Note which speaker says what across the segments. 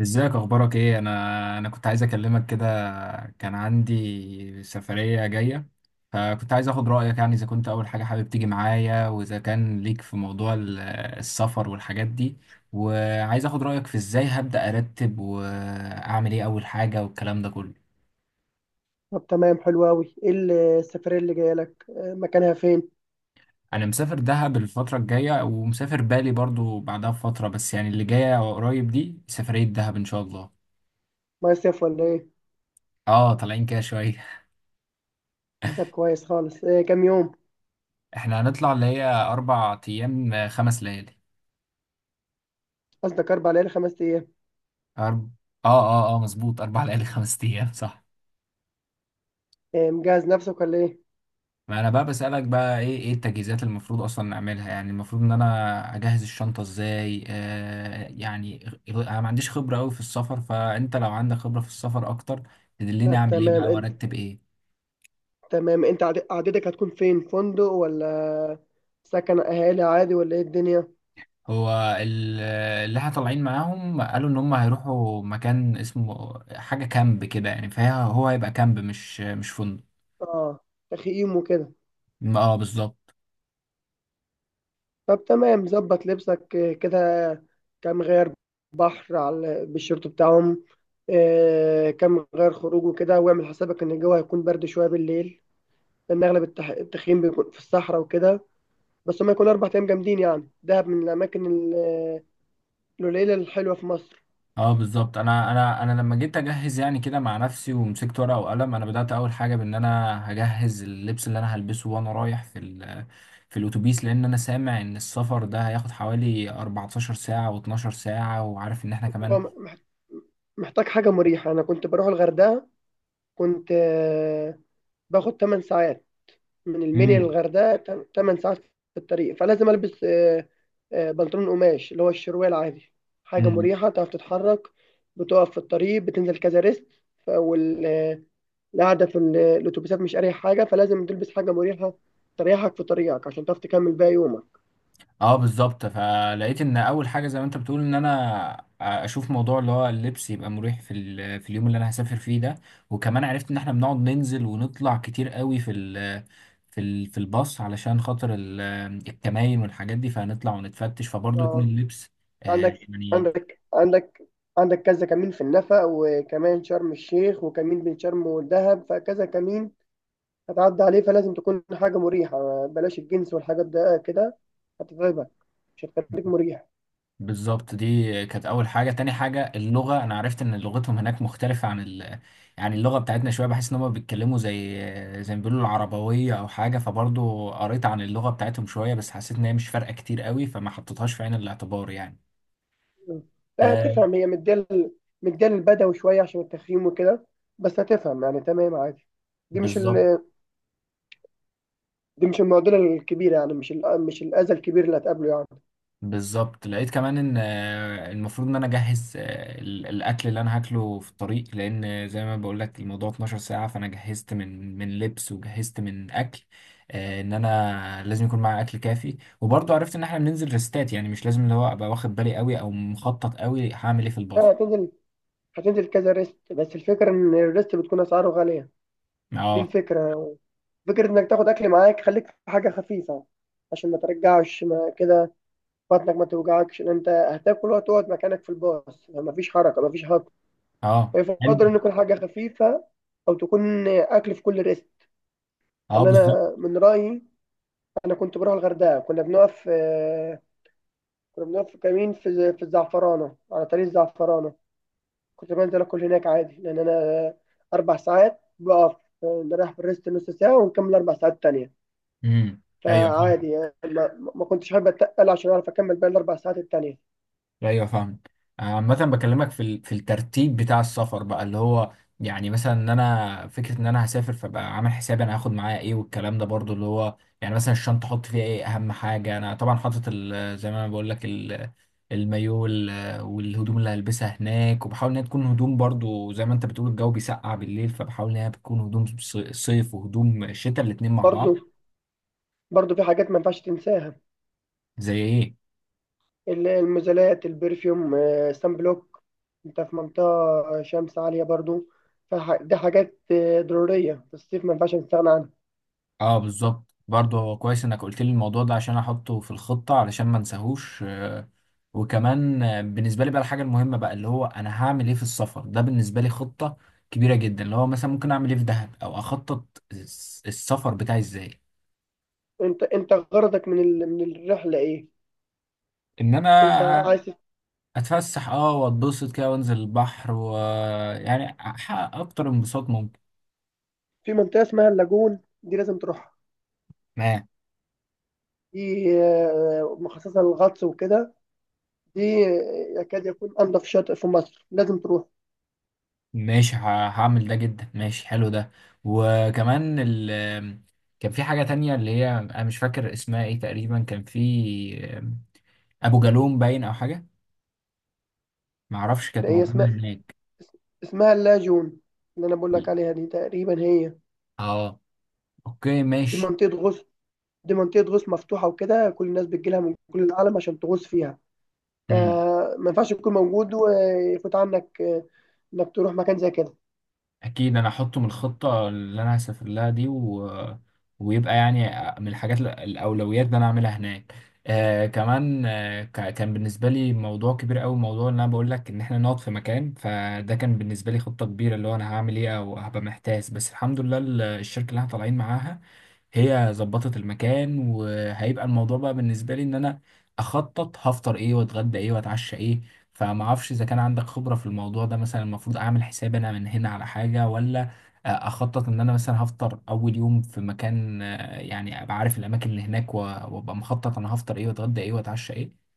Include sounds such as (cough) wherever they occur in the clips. Speaker 1: ازيك، اخبارك ايه؟ انا كنت عايز اكلمك كده. كان عندي سفرية جاية، فكنت عايز اخد رأيك يعني، اذا كنت اول حاجة حابب تيجي معايا، واذا كان ليك في موضوع السفر والحاجات دي. وعايز اخد رأيك في ازاي هبدأ ارتب واعمل ايه اول حاجة والكلام ده كله.
Speaker 2: طب تمام حلو أوي. إيه السفرية اللي جاية لك، مكانها فين؟
Speaker 1: انا مسافر دهب الفترة الجاية، ومسافر بالي برضو بعدها بفترة، بس يعني اللي جاية قريب دي سفرية دهب ان شاء الله.
Speaker 2: مصيف ولا إيه؟
Speaker 1: اه، طالعين كده شوية.
Speaker 2: طب كويس خالص، كام يوم؟
Speaker 1: (laughs) احنا هنطلع اللي هي اربع ايام خمس ليالي.
Speaker 2: قصدك 4 ليالي 5 أيام.
Speaker 1: أرب... اه اه اه مظبوط، أربع ليالي خمس أيام صح.
Speaker 2: مجهز نفسك ولا إيه؟
Speaker 1: ما أنا بقى بسألك بقى إيه التجهيزات اللي المفروض أصلا نعملها، يعني المفروض إن أنا أجهز الشنطة إزاي، آه يعني. أنا ما عنديش خبرة أوي في السفر، فأنت لو عندك خبرة في السفر أكتر تدلني
Speaker 2: طب
Speaker 1: أعمل إيه
Speaker 2: تمام
Speaker 1: بقى
Speaker 2: أنت
Speaker 1: وأرتب إيه.
Speaker 2: تمام أنت عددك هتكون فين؟ فندق ولا سكن أهالي عادي ولا إيه الدنيا؟
Speaker 1: هو ال- اللي احنا طالعين معاهم قالوا إن هم هيروحوا مكان اسمه حاجة كامب كده يعني، فهو هيبقى كامب مش فندق.
Speaker 2: آه، تخييم وكده.
Speaker 1: اه بالظبط.
Speaker 2: طب تمام، ظبط لبسك كده، كام غير بحر على بالشورت بتاعهم، كام غير خروج وكده، واعمل حسابك إن الجو هيكون برد شوية بالليل لان اغلب التخييم بيكون في الصحراء وكده. بس هم يكونوا 4 ايام جامدين، يعني دهب من الاماكن القليله الحلوه في مصر.
Speaker 1: اه بالظبط. انا لما جيت اجهز يعني كده مع نفسي ومسكت ورقه وقلم، انا بدات اول حاجه بان انا هجهز اللبس اللي انا هلبسه وانا رايح في ال في الاتوبيس، لان انا سامع ان السفر ده هياخد حوالي 14 ساعه و12 ساعه، وعارف ان احنا
Speaker 2: هو
Speaker 1: كمان.
Speaker 2: محتاج حاجه مريحه. انا كنت بروح الغردقه، كنت باخد 8 ساعات، من المنيا للغردقه 8 ساعات في الطريق. فلازم البس بنطلون قماش اللي هو الشروال عادي، حاجه
Speaker 1: امم.
Speaker 2: مريحه تعرف تتحرك. بتقف في الطريق، بتنزل كذا ريست. القعدة في الأتوبيسات مش أريح حاجة، فلازم تلبس حاجة مريحة تريحك في طريقك عشان تعرف تكمل باقي يومك.
Speaker 1: اه بالظبط، فلقيت ان اول حاجه زي ما انت بتقول ان انا اشوف موضوع اللي هو اللبس يبقى مريح في في اليوم اللي انا هسافر فيه ده. وكمان عرفت ان احنا بنقعد ننزل ونطلع كتير قوي في ال في ال في الباص علشان خاطر الكمائن والحاجات دي، فهنطلع ونتفتش فبرضه يكون
Speaker 2: اه،
Speaker 1: اللبس،
Speaker 2: عندك
Speaker 1: يعني.
Speaker 2: عندك عندك عندك كذا كمين في النفق، وكمان شرم الشيخ، وكمين بين شرم والدهب، فكذا كمين هتعدي عليه، فلازم تكون حاجة مريحة. بلاش الجنس والحاجات ده كده، هتتعبك، مش هتخليك مريح.
Speaker 1: بالظبط، دي كانت اول حاجه. تاني حاجه اللغه، انا عرفت ان لغتهم هناك مختلفه عن يعني اللغه بتاعتنا شويه، بحس ان هم بيتكلموا زي ما بيقولوا العربويه او حاجه، فبرضو قريت عن اللغه بتاعتهم شويه، بس حسيت ان هي مش فارقه كتير قوي فما حطيتهاش في عين الاعتبار يعني.
Speaker 2: م. لا،
Speaker 1: آه.
Speaker 2: هتفهم، هي مديال البدوي شوية عشان التخييم وكده. بس هتفهم، يعني تمام عادي. دي مش
Speaker 1: بالظبط.
Speaker 2: ال- دي مش المعضله الكبيره، يعني مش الاذى الكبير اللي هتقابله يعني.
Speaker 1: بالظبط، لقيت كمان ان المفروض ان انا اجهز الاكل اللي انا هاكله في الطريق، لان زي ما بقول لك الموضوع 12 ساعه، فانا جهزت من لبس وجهزت من اكل. ان انا لازم يكون معايا اكل كافي. وبرضه عرفت ان احنا بننزل ريستات، يعني مش لازم اللي هو ابقى واخد بالي قوي او مخطط قوي هعمل ايه في
Speaker 2: لا،
Speaker 1: الباص.
Speaker 2: هتنزل كذا ريست، بس الفكره ان الريست بتكون اسعاره غاليه. دي
Speaker 1: اه.
Speaker 2: الفكره، فكره انك تاخد اكل معاك، خليك في حاجه خفيفه عشان ما ترجعش ما كده، بطنك ما توجعكش، لان انت هتاكل وتقعد مكانك في الباص، ما فيش حركه ما فيش هضم.
Speaker 1: اه حلو.
Speaker 2: فيفضل ان يكون حاجه خفيفه او تكون اكل في كل ريست،
Speaker 1: اه
Speaker 2: يعني
Speaker 1: بالظبط.
Speaker 2: انا من رايي. انا كنت بروح الغردقه، كنا بنقف كنا بنقف في كمين في الزعفرانه، على طريق الزعفرانه كنت بنزل اكل هناك عادي، لان انا 4 ساعات بقف، نروح بالريست نص ساعه ونكمل 4 ساعات تانية.
Speaker 1: امم. ايوه.
Speaker 2: فعادي يعني، ما كنتش حابب اتقل عشان اعرف اكمل باقي الاربع ساعات التانية.
Speaker 1: ايوه فاهم. عامة بكلمك في في الترتيب بتاع السفر بقى، اللي هو يعني مثلا ان انا فكرة ان انا هسافر، فبقى عامل حسابي انا هاخد معايا ايه والكلام ده، برضو اللي هو يعني مثلا الشنطة احط فيها ايه اهم حاجة. انا طبعا حاطط زي ما انا بقول لك المايو والهدوم اللي هلبسها هناك، وبحاول ان هي تكون هدوم برضو زي ما انت بتقول الجو بيسقع بالليل، فبحاول ان هي بتكون هدوم صيف وهدوم شتاء الاتنين مع بعض.
Speaker 2: برضو برضو في حاجات ما ينفعش تنساها،
Speaker 1: زي ايه؟
Speaker 2: المزالات، البرفيوم، سان بلوك. انت في منطقه شمس عاليه برضو، فدي حاجات ضروريه في الصيف ما ينفعش نستغنى عنها.
Speaker 1: اه بالظبط، برضه هو كويس انك قلت لي الموضوع ده عشان احطه في الخطة علشان ما انساهوش. وكمان بالنسبة لي بقى، الحاجة المهمة بقى اللي هو انا هعمل ايه في السفر ده، بالنسبة لي خطة كبيرة جدا، اللي هو مثلا ممكن اعمل ايه في دهب، او اخطط السفر بتاعي ازاي.
Speaker 2: انت غرضك من الرحله ايه؟
Speaker 1: ان
Speaker 2: انت
Speaker 1: انا
Speaker 2: عايز؟
Speaker 1: اتفسح اه، واتبسط كده، وانزل البحر ويعني احقق اكتر انبساط ممكن.
Speaker 2: في منطقه اسمها اللاجون، دي لازم تروح، دي مخصصة للغطس وكده، دي يكاد يكون أنظف شاطئ في مصر، لازم تروح.
Speaker 1: ماشي، هعمل ده جدا، ماشي حلو ده. وكمان كان في حاجة تانية اللي هي أنا مش فاكر اسمها إيه تقريبا، كان في أبو جالوم باين أو حاجة، معرفش
Speaker 2: ده
Speaker 1: كانت
Speaker 2: هي
Speaker 1: موجودة
Speaker 2: اسمها
Speaker 1: هناك.
Speaker 2: اسمها اللاجون اللي أنا بقول لك عليها، دي تقريبا هي.
Speaker 1: آه. أوكي
Speaker 2: دي
Speaker 1: ماشي.
Speaker 2: منطقة غوص دي منطقة غوص مفتوحة وكده، كل الناس بتجيلها من كل العالم عشان تغوص فيها،
Speaker 1: مم.
Speaker 2: فما ينفعش تكون موجود ويفوت عنك إنك تروح مكان زي كده.
Speaker 1: اكيد انا احطه من الخطه اللي انا هسافر لها دي، ويبقى يعني من الحاجات الاولويات اللي انا اعملها هناك. آه كمان، آه كان بالنسبه لي موضوع كبير قوي، موضوع ان انا بقول لك ان احنا نقعد في مكان، فده كان بالنسبه لي خطه كبيره اللي هو انا هعمل ايه او هبقى محتاس. بس الحمد لله الشركه اللي احنا طالعين معاها هي ظبطت المكان، وهيبقى الموضوع بقى بالنسبه لي ان انا اخطط هفطر ايه واتغدى ايه واتعشى ايه. فما اعرفش اذا كان عندك خبرة في الموضوع ده، مثلا المفروض اعمل حساب انا من هنا على حاجة، ولا اخطط ان انا مثلا هفطر اول يوم في مكان، يعني ابقى عارف الاماكن اللي هناك وابقى مخطط انا هفطر ايه واتغدى ايه واتعشى ايه.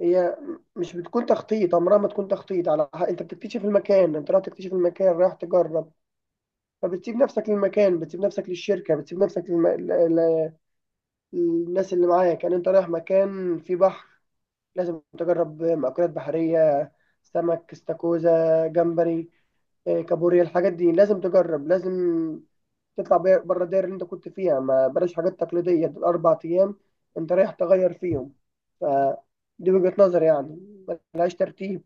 Speaker 2: هي مش بتكون تخطيط، عمرها ما تكون تخطيط، على أنت بتكتشف المكان، أنت رايح تكتشف المكان، رايح تجرب. فبتسيب نفسك للمكان، بتسيب نفسك للشركة، بتسيب نفسك ل... للناس اللي معاك. يعني انت رايح مكان فيه بحر، لازم تجرب مأكولات بحرية، سمك، استاكوزا، جمبري، كابوريا، الحاجات دي لازم تجرب، لازم تطلع بره الدايرة اللي انت كنت فيها، ما بلاش حاجات تقليدية، دول 4 أيام انت رايح تغير فيهم. فدي وجهة نظري يعني، ملهاش ترتيب.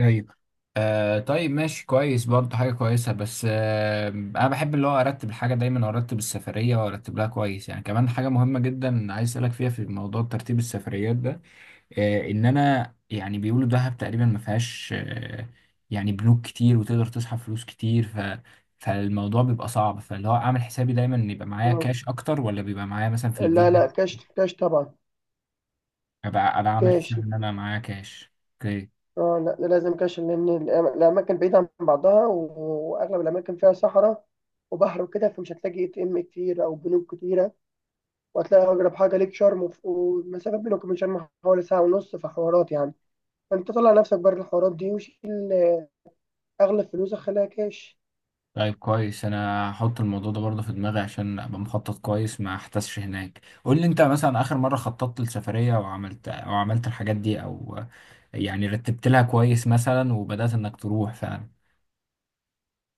Speaker 1: ايوه. آه طيب ماشي كويس برضه، حاجة كويسة. بس آه أنا بحب اللي هو أرتب الحاجة دايما وأرتب السفرية وأرتب لها كويس، يعني كمان حاجة مهمة جدا عايز أسألك فيها في موضوع ترتيب السفريات ده. ان انا يعني بيقولوا دهب تقريبا ما فيهاش يعني بنوك كتير وتقدر تسحب فلوس كتير، فالموضوع بيبقى صعب، فاللي هو اعمل حسابي دايما ان يبقى معايا
Speaker 2: آه.
Speaker 1: كاش اكتر، ولا بيبقى معايا مثلا في
Speaker 2: لا
Speaker 1: الفيزا؟
Speaker 2: لا، كاش كاش طبعا،
Speaker 1: ابقى انا عامل حساب
Speaker 2: كاش.
Speaker 1: ان انا معايا كاش، اوكي.
Speaker 2: اه لا، ده لازم كاش، لان الاماكن بعيده عن بعضها واغلب الاماكن فيها صحراء وبحر وكده، فمش هتلاقي ATM كتير او بنوك كتيره، وهتلاقي اقرب حاجه ليك شرم، والمسافه بينك وبين شرم حوالي ساعه ونص في حوارات يعني. فانت طلع نفسك بره الحوارات دي، وشيل اغلب فلوسك خليها كاش.
Speaker 1: طيب كويس، انا هحط الموضوع ده برضه في دماغي عشان ابقى مخطط كويس ما احتسش هناك. قول لي انت مثلا اخر مره خططت لسفريه وعملت او عملت الحاجات دي، او يعني رتبت لها كويس مثلا وبدات انك تروح فعلا.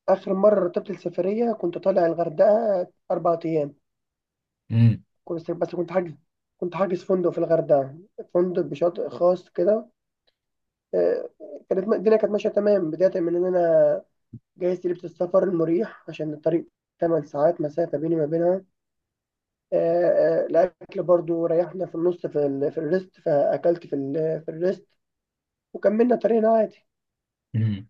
Speaker 2: اخر مره رتبت السفريه كنت طالع الغردقه 4 ايام،
Speaker 1: امم.
Speaker 2: كنت بس كنت حاجز كنت حاجز فندق في الغردقه، فندق بشاطئ خاص كده. آه، كانت الدنيا كانت ماشيه تمام، بدايه من ان انا جهزت لبس السفر المريح عشان الطريق 8 ساعات مسافة بيني ما بينها. الأكل برضو ريحنا في النص في ال... في الريست، فأكلت في الريست، وكملنا طريقنا عادي.
Speaker 1: امم.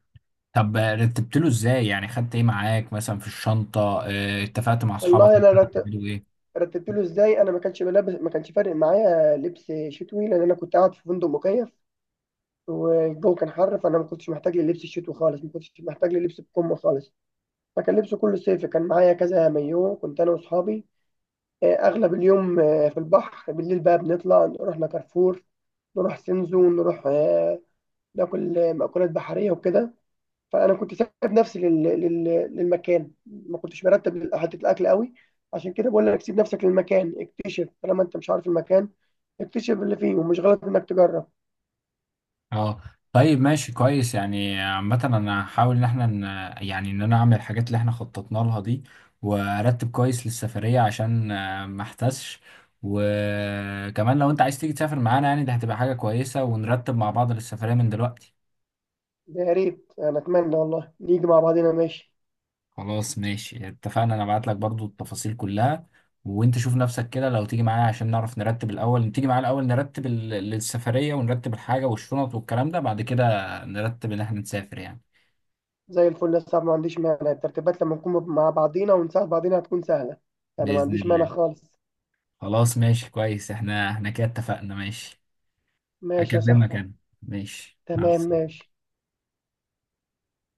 Speaker 1: طب رتبت له ازاي يعني؟ خدت ايه معاك مثلا في الشنطة؟ اتفقت مع اصحابك
Speaker 2: والله أنا
Speaker 1: مثلا هتعملوا ايه؟
Speaker 2: رتبت له إزاي. أنا ما كانش بلبس، ما كانش فارق معايا لبس شتوي، لأن أنا كنت قاعد في فندق مكيف والجو كان حر. فأنا ما كنتش محتاج للبس الشتوي خالص، ما كنتش محتاج للبس بكم خالص، فكان لبسه كله صيفي. كان معايا كذا مايو، كنت أنا وأصحابي أغلب اليوم في البحر. بالليل بقى بنطلع، رحنا كارفور، نروح سنزو، نروح ناكل مأكولات بحرية وكده. فأنا كنت سايب نفسي للمكان، ما كنتش مرتب حتة الأكل قوي. عشان كده بقول لك، سيب نفسك للمكان، اكتشف طالما أنت مش عارف المكان، اكتشف اللي فيه، ومش غلط إنك تجرب.
Speaker 1: اه طيب ماشي كويس، يعني عامة انا هحاول ان احنا يعني ان انا اعمل الحاجات اللي احنا خططنا لها دي، وارتب كويس للسفرية عشان ما احتسش. وكمان لو انت عايز تيجي تسافر معانا يعني، ده هتبقى حاجة كويسة، ونرتب مع بعض للسفرية من دلوقتي.
Speaker 2: يا ريت، أنا أتمنى والله نيجي مع بعضينا، ماشي.
Speaker 1: خلاص ماشي اتفقنا، انا ابعت لك برضو التفاصيل كلها، وانت شوف نفسك كده لو تيجي معايا عشان نعرف نرتب الاول. تيجي معايا الاول نرتب السفرية، ونرتب الحاجة والشنط والكلام ده، بعد كده نرتب ان احنا نسافر يعني.
Speaker 2: زي الفل يا صاحبي، ما عنديش مانع، الترتيبات لما نكون مع بعضينا ونساعد بعضينا هتكون سهلة. أنا ما
Speaker 1: بإذن
Speaker 2: عنديش مانع
Speaker 1: الله.
Speaker 2: خالص.
Speaker 1: خلاص ماشي كويس، احنا كده اتفقنا ماشي.
Speaker 2: ماشي يا
Speaker 1: هكلمك
Speaker 2: صاحبي،
Speaker 1: انا. ماشي مع
Speaker 2: تمام
Speaker 1: السلامة.
Speaker 2: ماشي.